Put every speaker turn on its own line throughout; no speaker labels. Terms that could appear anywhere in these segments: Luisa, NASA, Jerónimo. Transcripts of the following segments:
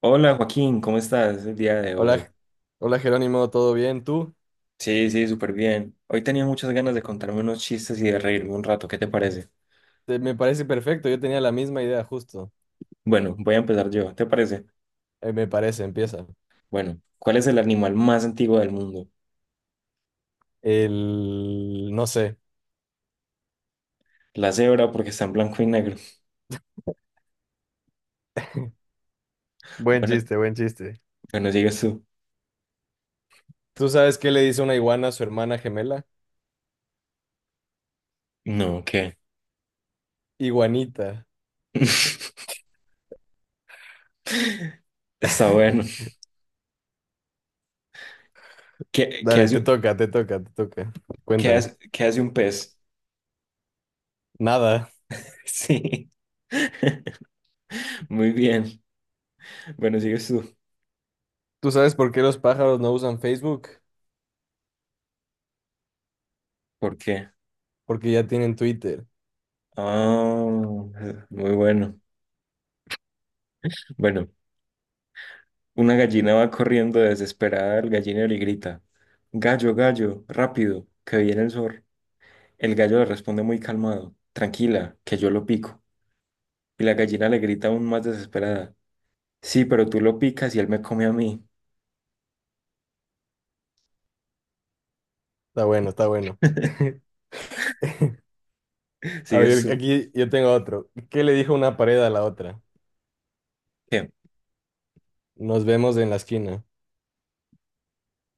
Hola Joaquín, ¿cómo estás el día de hoy?
Hola, hola Jerónimo, ¿todo bien? ¿Tú?
Sí, sí, súper bien. Hoy tenía muchas ganas de contarme unos chistes y de reírme un rato, ¿qué te parece?
Me parece perfecto, yo tenía la misma idea justo.
Bueno, voy a empezar yo, ¿te parece?
Me parece, empieza.
Bueno, ¿cuál es el animal más antiguo del mundo?
El... no sé.
La cebra porque está en blanco y negro.
Buen
Bueno,
chiste, buen chiste.
bueno, sigues tú.
¿Tú sabes qué le dice una iguana a su hermana gemela?
No, ¿qué?
Iguanita.
Está bueno. ¿Qué
Dale,
hace,
te toca, te toca, te toca.
qué
Cuéntame.
hace, qué hace un pez?
Nada.
Sí. Muy bien. Bueno, sigues tú.
¿Tú sabes por qué los pájaros no usan Facebook?
¿Por qué?
Porque ya tienen Twitter.
Ah, muy bueno. Bueno, una gallina va corriendo desesperada al gallinero y grita, «Gallo, gallo, rápido, que viene el zorro». El gallo le responde muy calmado, «Tranquila, que yo lo pico». Y la gallina le grita aún más desesperada, «Sí, pero tú lo picas y él me come a mí».
Está bueno, está bueno. A
Sigues
ver,
tú.
aquí yo tengo otro. ¿Qué le dijo una pared a la otra?
Bien.
Nos vemos en la esquina.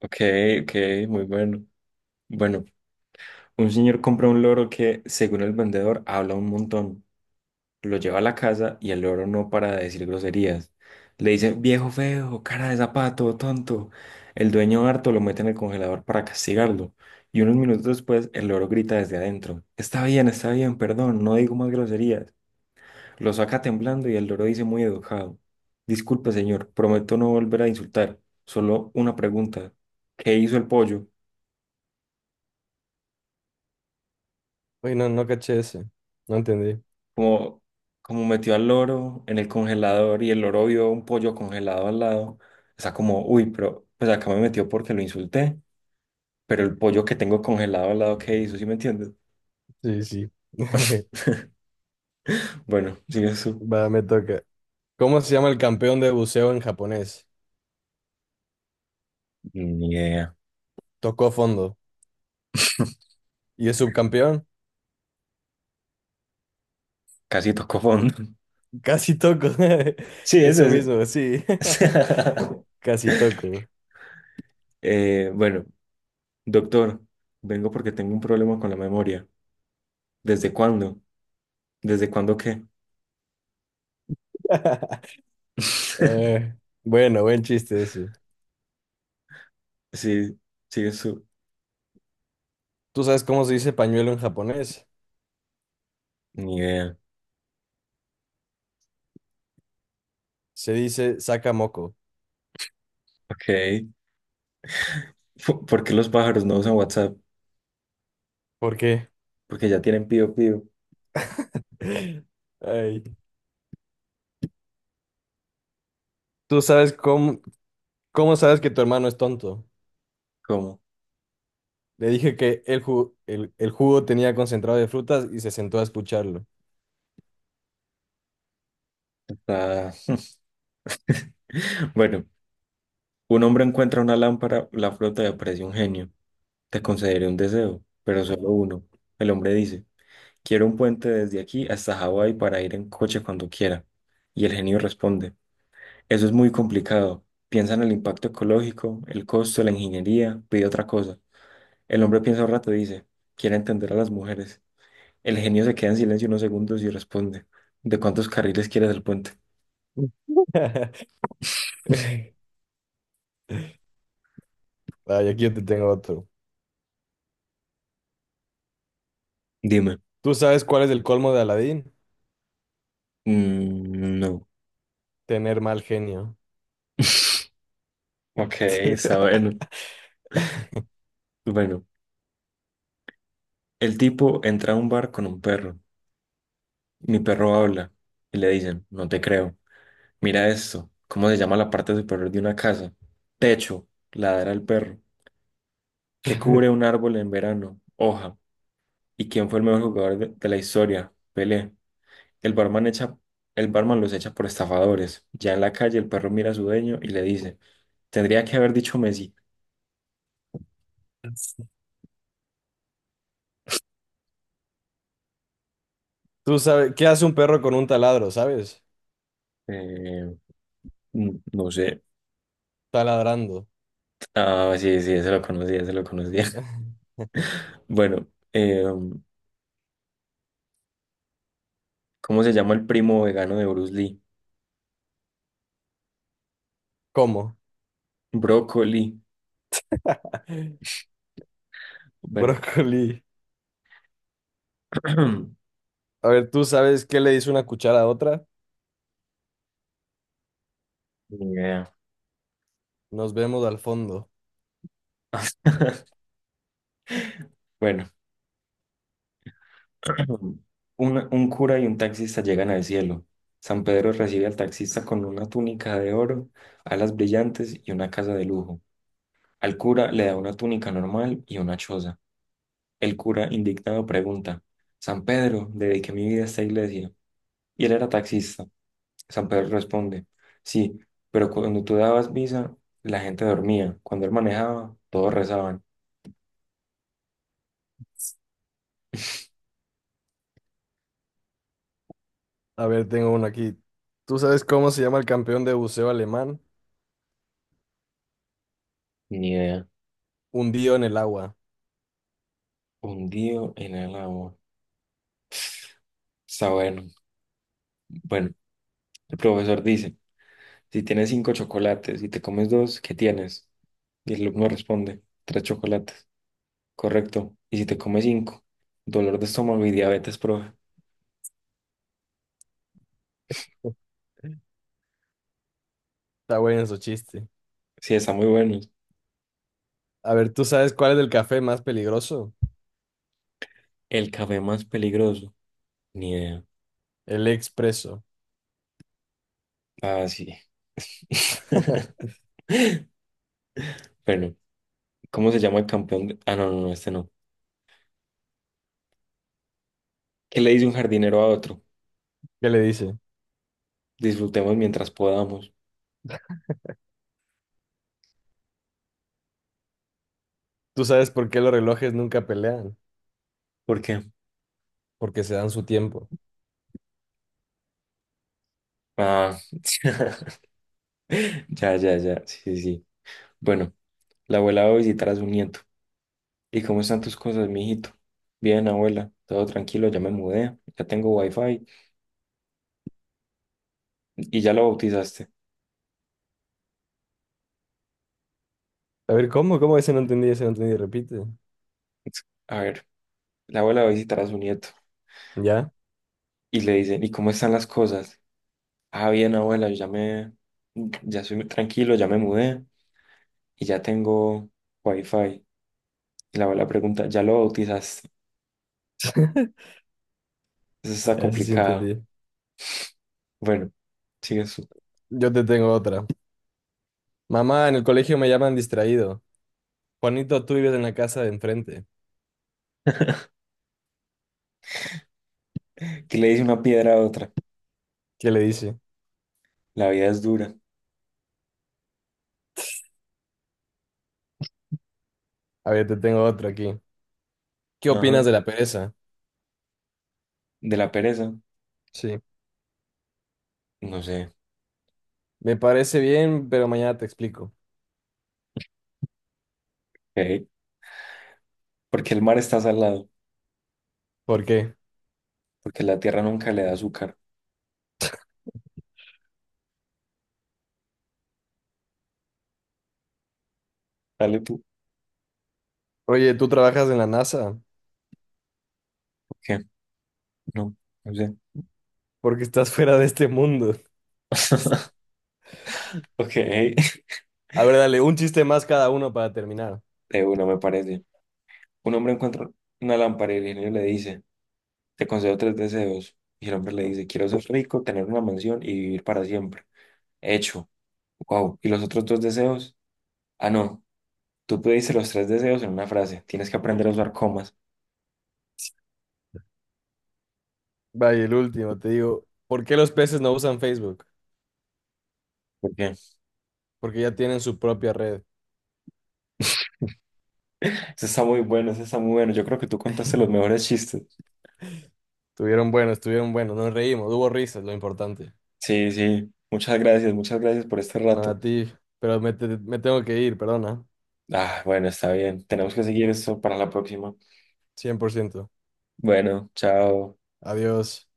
Ok, ok, muy bueno. Bueno, un señor compra un loro que, según el vendedor, habla un montón. Lo lleva a la casa y el loro no para de decir groserías. Le dice, «viejo feo, cara de zapato, tonto». El dueño harto lo mete en el congelador para castigarlo. Y unos minutos después, el loro grita desde adentro, «Está bien, está bien, perdón, no digo más groserías». Lo saca temblando y el loro dice muy educado, «Disculpe, señor, prometo no volver a insultar. Solo una pregunta. ¿Qué hizo el pollo?».
Uy, no, no caché ese. No entendí.
Como, como metió al loro en el congelador y el loro vio un pollo congelado al lado, está como, «uy, pero pues acá me metió porque lo insulté, pero el pollo que tengo congelado al lado, ¿qué hizo?». ¿Sí me entiendes?
Sí, sí.
Bueno, sigue su.
Va, me toca. ¿Cómo se llama el campeón de buceo en japonés?
Ni idea,
Tocó fondo. ¿Y es subcampeón?
casi tocó fondo.
Casi toco.
Sí,
Eso
ese
mismo, sí.
es.
Casi toco.
Bueno, «doctor, vengo porque tengo un problema con la memoria». «¿Desde cuándo?». «¿Desde cuándo qué?».
Eh, bueno, buen chiste ese.
Sí, sigue su.
¿Tú sabes cómo se dice pañuelo en japonés?
Ni idea.
Se dice sakamoko.
Ok. ¿Por qué los pájaros no usan WhatsApp?
¿Por qué?
Porque ya tienen pío pío.
Ay. ¿Tú sabes cómo, cómo sabes que tu hermano es tonto?
¿Cómo?
Le dije que el jugo tenía concentrado de frutas y se sentó a escucharlo.
Está- Bueno, un hombre encuentra una lámpara, la flota y aparece un genio. «Te concederé un deseo, pero solo uno». El hombre dice, «quiero un puente desde aquí hasta Hawái para ir en coche cuando quiera». Y el genio responde, «eso es muy complicado. Piensa en el impacto ecológico, el costo, la ingeniería, pide otra cosa». El hombre piensa un rato y dice, «quiero entender a las mujeres». El genio se queda en silencio unos segundos y responde, «¿De cuántos carriles quieres el puente?».
Ay, aquí yo te tengo otro.
Dime.
¿Tú sabes cuál es el colmo de Aladín?
Mm, no.
Tener mal genio.
Ok, está bueno. Bueno, el tipo entra a un bar con un perro. «Mi perro habla», y le dicen, «no te creo». «Mira esto. ¿Cómo se llama la parte superior de una casa?». «Techo», ladra el perro. «¿Qué cubre un árbol en verano?». «Hoja». «¿Y quién fue el mejor jugador de la historia?». «Pelé». El barman echa, el barman los echa por estafadores. Ya en la calle el perro mira a su dueño y le dice, «tendría que haber dicho Messi».
¿Tú sabes qué hace un perro con un taladro, sabes?
Eh, no sé.
Taladrando.
Ah, sí, sí, se lo conocía, se lo conocía. Bueno, eh, ¿cómo se llama el primo vegano de Bruce Lee?
¿Cómo?
Brócoli. Bueno,
Brócoli. A ver, ¿tú sabes qué le hizo una cuchara a otra?
ni idea.
Nos vemos al fondo.
Bueno, un cura y un taxista llegan al cielo. San Pedro recibe al taxista con una túnica de oro, alas brillantes y una casa de lujo. Al cura le da una túnica normal y una choza. El cura, indignado, pregunta, «San Pedro, dediqué mi vida a esta iglesia. Y él era taxista». San Pedro responde, «sí, pero cuando tú dabas misa, la gente dormía. Cuando él manejaba, todos rezaban».
A ver, tengo uno aquí. ¿Tú sabes cómo se llama el campeón de buceo alemán?
Ni idea.
Hundido en el agua.
Hundido en el agua. Está bueno. Bueno, el profesor dice, «si tienes cinco chocolates y te comes dos, ¿qué tienes?». Y el alumno responde, «tres chocolates». «Correcto. Y si te comes cinco», «dolor de estómago y diabetes, profe».
Está bueno su chiste.
Sí, está muy bueno.
A ver, ¿tú sabes cuál es el café más peligroso?
El café más peligroso. Ni idea.
El expreso.
Ah, sí. Bueno, ¿cómo se llama el campeón? De- Ah, no, no, no, este no. ¿Qué le dice un jardinero a otro?
¿Qué le dice?
Disfrutemos mientras podamos.
¿Tú sabes por qué los relojes nunca pelean?
¿Por qué?
Porque se dan su tiempo.
Ah, ya, ya, ya. Sí, sí, sí. Bueno, la abuela va a visitar a su nieto. «¿Y cómo están tus cosas, mijito?». «Bien, abuela. Todo tranquilo, ya me mudé. Ya tengo wifi». «Y ya lo bautizaste».
A ver, ¿cómo? ¿Cómo? Ese no entendí, ese no entendí. Repite.
A ver. La abuela va a visitar a su nieto
¿Ya?
y le dicen, «¿y cómo están las cosas?». «Ah, bien, abuela, yo ya me, ya soy tranquilo, ya me mudé y ya tengo wifi». Y la abuela pregunta, «¿ya lo bautizaste?». Eso está
Ese sí
complicado.
entendí.
Bueno, sigue su.
Yo te tengo otra. Mamá, en el colegio me llaman distraído. Juanito, tú vives en la casa de enfrente.
¿Qué le dice una piedra a otra?
¿Qué le dice?
La vida es dura.
A ver, te tengo otra aquí. ¿Qué opinas
Ajá.
de la pereza?
¿De la pereza?
Sí.
No sé.
Me parece bien, pero mañana te explico.
¿Por Porque el mar está salado,
¿Por qué?
porque la tierra nunca le da azúcar. Dale tú.
Oye, ¿tú trabajas en la NASA?
¿Por qué? No, no sé.
Porque estás fuera de este mundo.
Ok,
A ver, dale, un chiste más cada uno para terminar.
de uno me parece. Un hombre encuentra una lámpara y el genio le dice, «te concedo tres deseos». Y el hombre le dice, «quiero ser rico, tener una mansión y vivir para siempre». «Hecho». «Wow. ¿Y los otros dos deseos?». «Ah, no. Tú pediste los tres deseos en una frase. Tienes que aprender a usar comas».
Vaya, el último, te digo, ¿por qué los peces no usan Facebook?
¿Por qué?
Porque ya tienen su propia red.
Eso está muy bueno, eso está muy bueno. Yo creo que tú contaste los mejores chistes.
Estuvieron buenos, nos reímos, hubo risas, lo importante.
Sí, sí. Muchas gracias por este
Nada,
rato.
a ti, pero me tengo que ir, perdona.
Ah, bueno, está bien. Tenemos que seguir esto para la próxima.
100%.
Bueno, chao.
Adiós.